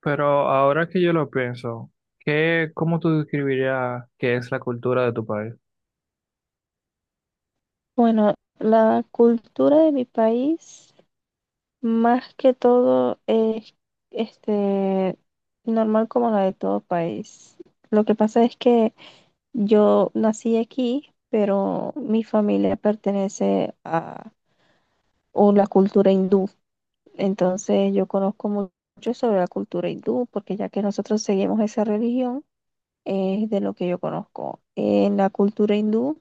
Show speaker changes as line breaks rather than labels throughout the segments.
Pero ahora que yo lo pienso, ¿qué, cómo tú describirías qué es la cultura de tu país?
Bueno, la cultura de mi país, más que todo, es este, normal como la de todo país. Lo que pasa es que yo nací aquí, pero mi familia pertenece a o la cultura hindú. Entonces yo conozco mucho sobre la cultura hindú, porque ya que nosotros seguimos esa religión, es de lo que yo conozco. En la cultura hindú.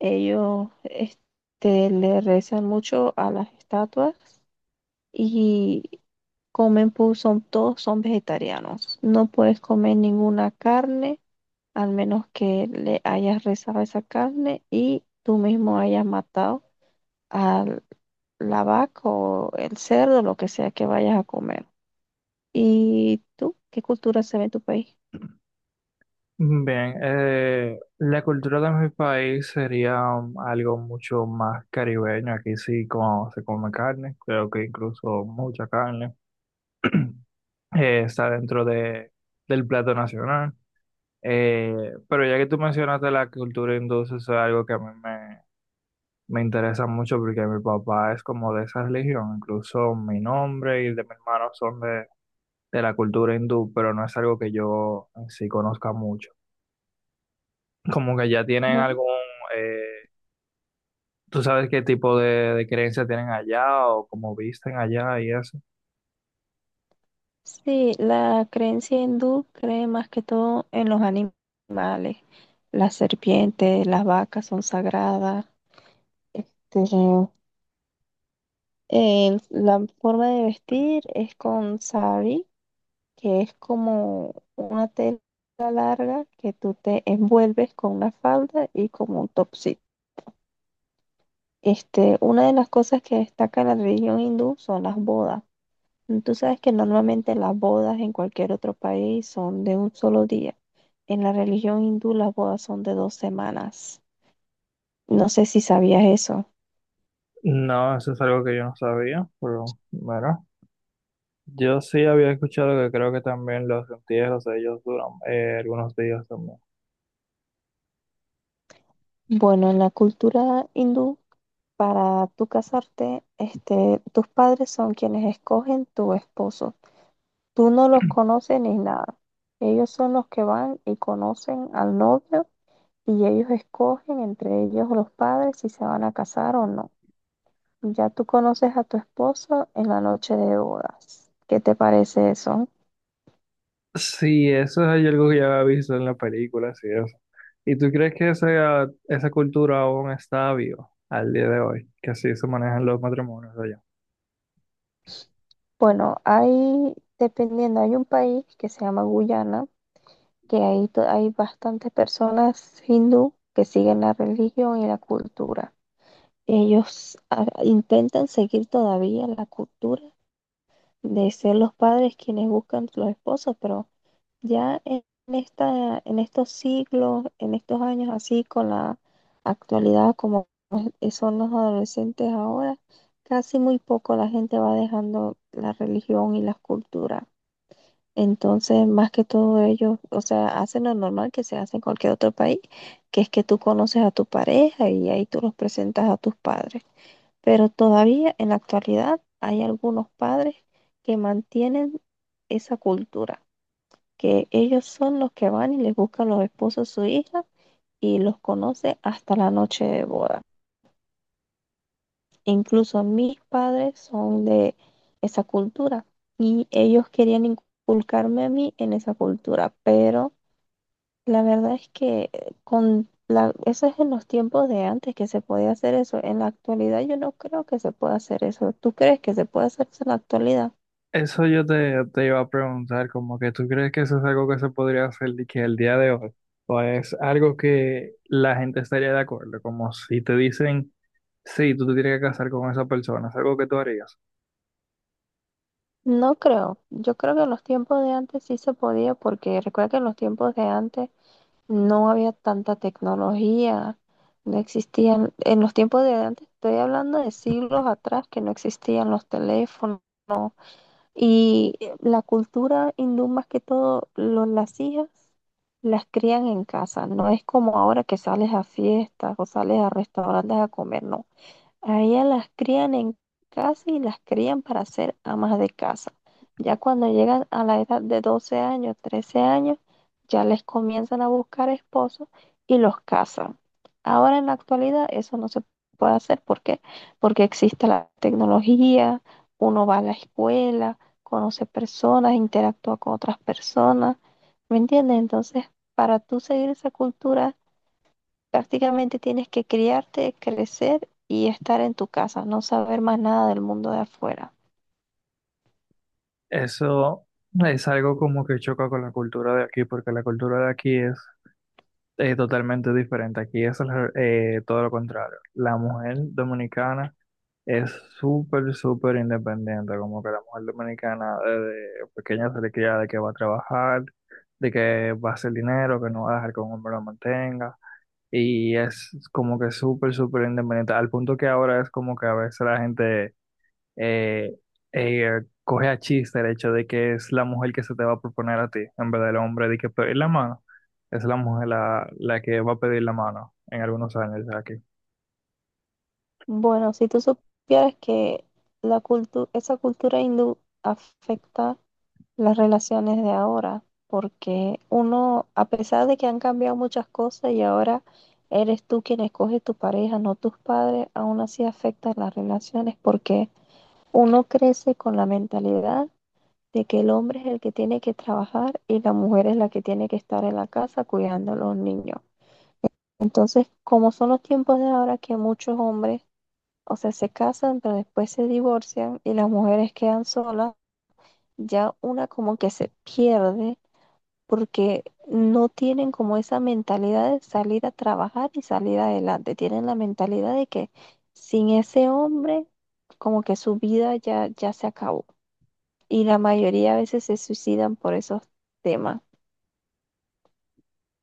Ellos le rezan mucho a las estatuas y comen, todos son vegetarianos. No puedes comer ninguna carne, al menos que le hayas rezado esa carne y tú mismo hayas matado a la vaca o el cerdo, lo que sea que vayas a comer. ¿Y tú? ¿Qué cultura se ve en tu país?
Bien, la cultura de mi país sería algo mucho más caribeño. Aquí sí como se come carne, creo que incluso mucha carne. Está dentro de, del plato nacional. Pero ya que tú mencionaste la cultura hindú, eso es algo que a me interesa mucho porque mi papá es como de esa religión, incluso mi nombre y el de mi hermano son de la cultura hindú, pero no es algo que yo en sí conozca mucho. Como que ya tienen algún, eh, ¿tú sabes qué tipo de creencia tienen allá o cómo visten allá y eso?
Sí, la creencia hindú cree más que todo en los animales. Las serpientes, las vacas son sagradas. Este, la forma de vestir es con sari, que es como una tela larga que tú te envuelves con una falda y como un topsito. Una de las cosas que destaca en la religión hindú son las bodas. Tú sabes que normalmente las bodas en cualquier otro país son de un solo día. En la religión hindú las bodas son de dos semanas. No sé si sabías eso.
No, eso es algo que yo no sabía, pero bueno, yo sí había escuchado que creo que también los entierros de ellos duran algunos días también.
Bueno, en la cultura hindú, para tú casarte, tus padres son quienes escogen tu esposo. Tú no los conoces ni nada. Ellos son los que van y conocen al novio y ellos escogen entre ellos los padres si se van a casar o no. Ya tú conoces a tu esposo en la noche de bodas. ¿Qué te parece eso?
Sí, eso es algo que ya había visto en la película, sí, eso. ¿Y tú crees que esa cultura aún está viva al día de hoy? Que así se manejan los matrimonios allá.
Bueno, hay, dependiendo, hay un país que se llama Guyana, que ahí hay bastantes personas hindú que siguen la religión y la cultura. Ellos intentan seguir todavía la cultura de ser los padres quienes buscan los esposos, pero ya en en estos siglos, en estos años así, con la actualidad como son los adolescentes ahora, casi muy poco la gente va dejando la religión y las culturas. Entonces, más que todo ellos, o sea, hacen lo normal que se hace en cualquier otro país, que es que tú conoces a tu pareja y ahí tú los presentas a tus padres. Pero todavía en la actualidad hay algunos padres que mantienen esa cultura, que ellos son los que van y les buscan los esposos a su hija y los conoce hasta la noche de boda. Incluso mis padres son de esa cultura y ellos querían inculcarme a mí en esa cultura, pero la verdad es que eso es en los tiempos de antes que se podía hacer eso. En la actualidad yo no creo que se pueda hacer eso. ¿Tú crees que se puede hacer eso en la actualidad?
Eso yo te, te iba a preguntar, como que tú crees que eso es algo que se podría hacer de que el día de hoy, o es algo que la gente estaría de acuerdo, como si te dicen, sí, tú te tienes que casar con esa persona, es algo que tú harías.
No creo. Yo creo que en los tiempos de antes sí se podía porque recuerda que en los tiempos de antes no había tanta tecnología, no existían, en los tiempos de antes, estoy hablando de siglos atrás que no existían los teléfonos y la cultura hindú más que todo, las hijas las crían en casa, no es como ahora que sales a fiestas o sales a restaurantes a comer, no. A ellas las crían en casa y las crían para ser amas de casa. Ya cuando llegan a la edad de 12 años, 13 años, ya les comienzan a buscar esposos y los casan. Ahora en la actualidad eso no se puede hacer. ¿Por qué? Porque existe la tecnología, uno va a la escuela, conoce personas, interactúa con otras personas. ¿Me entiendes? Entonces, para tú seguir esa cultura prácticamente tienes que criarte, crecer y estar en tu casa, no saber más nada del mundo de afuera.
Eso es algo como que choca con la cultura de aquí, porque la cultura de aquí es totalmente diferente. Aquí es al todo lo contrario. La mujer dominicana es súper, súper independiente, como que la mujer dominicana desde pequeña se le cría de que va a trabajar, de que va a hacer dinero, que no va a dejar que un hombre la mantenga. Y es como que súper, súper independiente, al punto que ahora es como que a veces la gente eh, coge a chiste el hecho de que es la mujer que se te va a proponer a ti, en vez del hombre, de que pedir la mano. Es la mujer la, la que va a pedir la mano en algunos años aquí.
Bueno, si tú supieras que esa cultura hindú afecta las relaciones de ahora, porque uno, a pesar de que han cambiado muchas cosas y ahora eres tú quien escoge tu pareja, no tus padres, aún así afecta las relaciones porque uno crece con la mentalidad de que el hombre es el que tiene que trabajar y la mujer es la que tiene que estar en la casa cuidando a los niños. Entonces, como son los tiempos de ahora que muchos hombres, o sea, se casan, pero después se divorcian y las mujeres quedan solas, ya una como que se pierde porque no tienen como esa mentalidad de salir a trabajar y salir adelante. Tienen la mentalidad de que sin ese hombre, como que su vida ya se acabó y la mayoría a veces se suicidan por esos temas.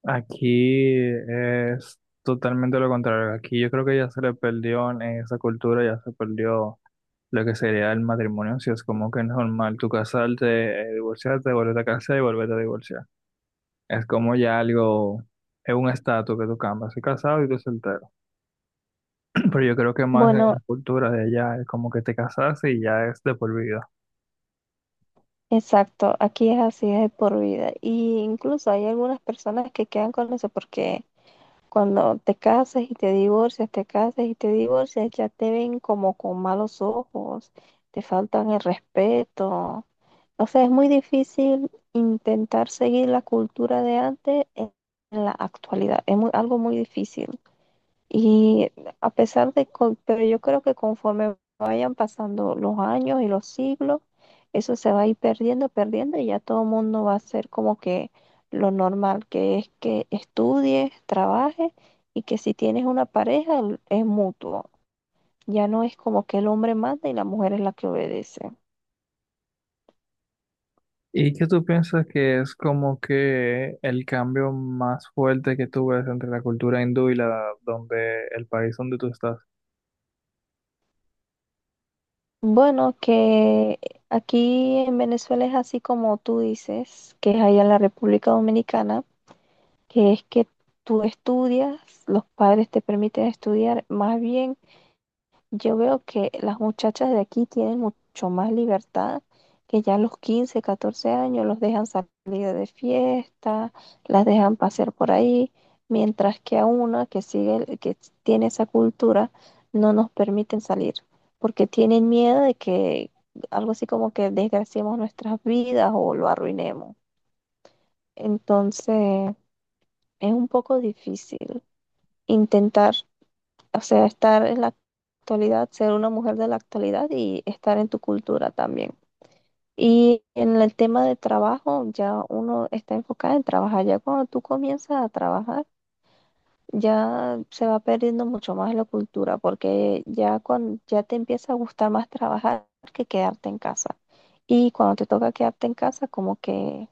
Aquí es totalmente lo contrario. Aquí yo creo que ya se le perdió en esa cultura, ya se perdió lo que sería el matrimonio. Si es como que es normal tú casarte, divorciarte, volverte a casar y volverte a divorciar. Es como ya algo, es un estatus que tú cambias. Soy casado y tú soltero. Pero yo creo que más en
Bueno,
la cultura de allá es como que te casaste y ya es de por vida.
exacto, aquí es así, es de por vida. Y incluso hay algunas personas que quedan con eso porque cuando te casas y te divorcias, te casas y te divorcias, ya te ven como con malos ojos, te faltan el respeto. O sea, es muy difícil intentar seguir la cultura de antes en la actualidad. Es algo muy difícil. Y a pesar pero yo creo que conforme vayan pasando los años y los siglos, eso se va a ir perdiendo, perdiendo y ya todo el mundo va a ser como que lo normal, que es que estudies, trabajes y que si tienes una pareja es mutuo. Ya no es como que el hombre manda y la mujer es la que obedece.
¿Y qué tú piensas que es como que el cambio más fuerte que tú ves entre la cultura hindú y la donde el país donde tú estás?
Bueno, que aquí en Venezuela es así como tú dices, que es allá en la República Dominicana. Que es que tú estudias, los padres te permiten estudiar. Más bien, yo veo que las muchachas de aquí tienen mucho más libertad, que ya a los 15, 14 años los dejan salir de fiesta, las dejan pasear por ahí, mientras que a una que sigue, que tiene esa cultura, no nos permiten salir, porque tienen miedo de que algo así como que desgraciemos nuestras vidas o lo arruinemos. Entonces, es un poco difícil intentar, o sea, estar en la actualidad, ser una mujer de la actualidad y estar en tu cultura también. Y en el tema de trabajo, ya uno está enfocado en trabajar. Ya cuando tú comienzas a trabajar, ya se va perdiendo mucho más la cultura, porque ya, cuando, ya te empieza a gustar más trabajar que quedarte en casa. Y cuando te toca quedarte en casa, como que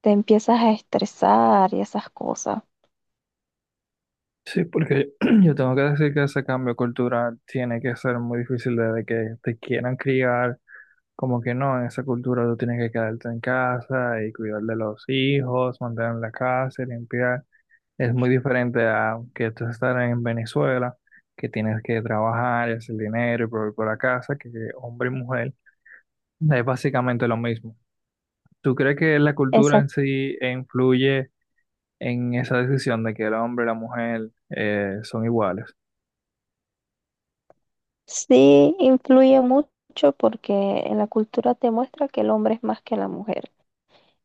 te empiezas a estresar y esas cosas.
Sí, porque yo tengo que decir que ese cambio cultural tiene que ser muy difícil desde que te quieran criar. Como que no, en esa cultura tú tienes que quedarte en casa y cuidar de los hijos, mantener la casa, limpiar. Es muy diferente a que tú estar en Venezuela, que tienes que trabajar y hacer dinero y proveer por la casa, que hombre y mujer es básicamente lo mismo. ¿Tú crees que la cultura en sí influye en esa decisión de que el hombre y la mujer son iguales?
Sí, influye mucho porque en la cultura te muestra que el hombre es más que la mujer.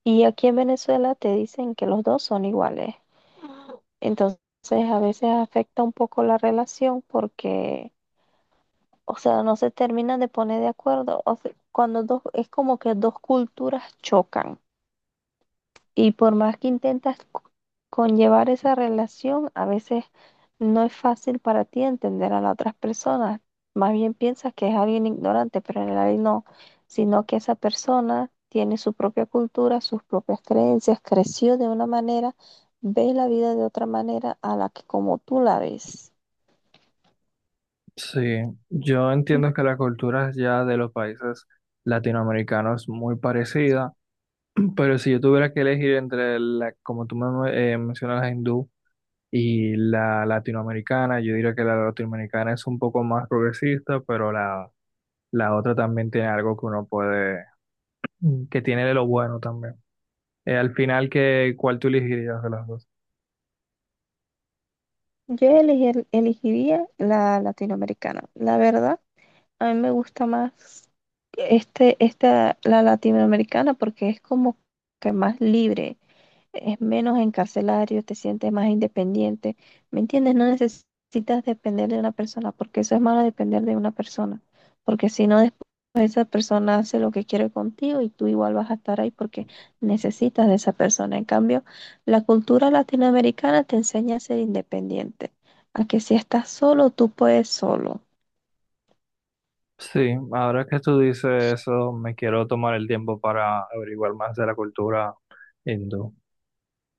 Y aquí en Venezuela te dicen que los dos son iguales. Entonces a veces afecta un poco la relación porque, o sea, no se terminan de poner de acuerdo. O sea, cuando dos, es como que dos culturas chocan. Y por más que intentas conllevar esa relación, a veces no es fácil para ti entender a las otras personas. Más bien piensas que es alguien ignorante, pero en realidad no, sino que esa persona tiene su propia cultura, sus propias creencias, creció de una manera, ve la vida de otra manera a la que como tú la ves.
Sí, yo entiendo que la cultura ya de los países latinoamericanos es muy parecida. Pero si yo tuviera que elegir entre la, como tú me, mencionas, la hindú y la latinoamericana, yo diría que la latinoamericana es un poco más progresista, pero la otra también tiene algo que uno puede, que tiene de lo bueno también. Al final, ¿qué, cuál tú elegirías de las dos?
Yo elegiría la latinoamericana, la verdad. A mí me gusta más la latinoamericana porque es como que más libre, es menos encarcelario, te sientes más independiente. ¿Me entiendes? No necesitas depender de una persona porque eso es malo depender de una persona. Porque si no, después esa persona hace lo que quiere contigo y tú igual vas a estar ahí porque necesitas de esa persona. En cambio, la cultura latinoamericana te enseña a ser independiente, a que si estás solo, tú puedes solo.
Sí, ahora que tú dices eso, me quiero tomar el tiempo para averiguar más de la cultura hindú.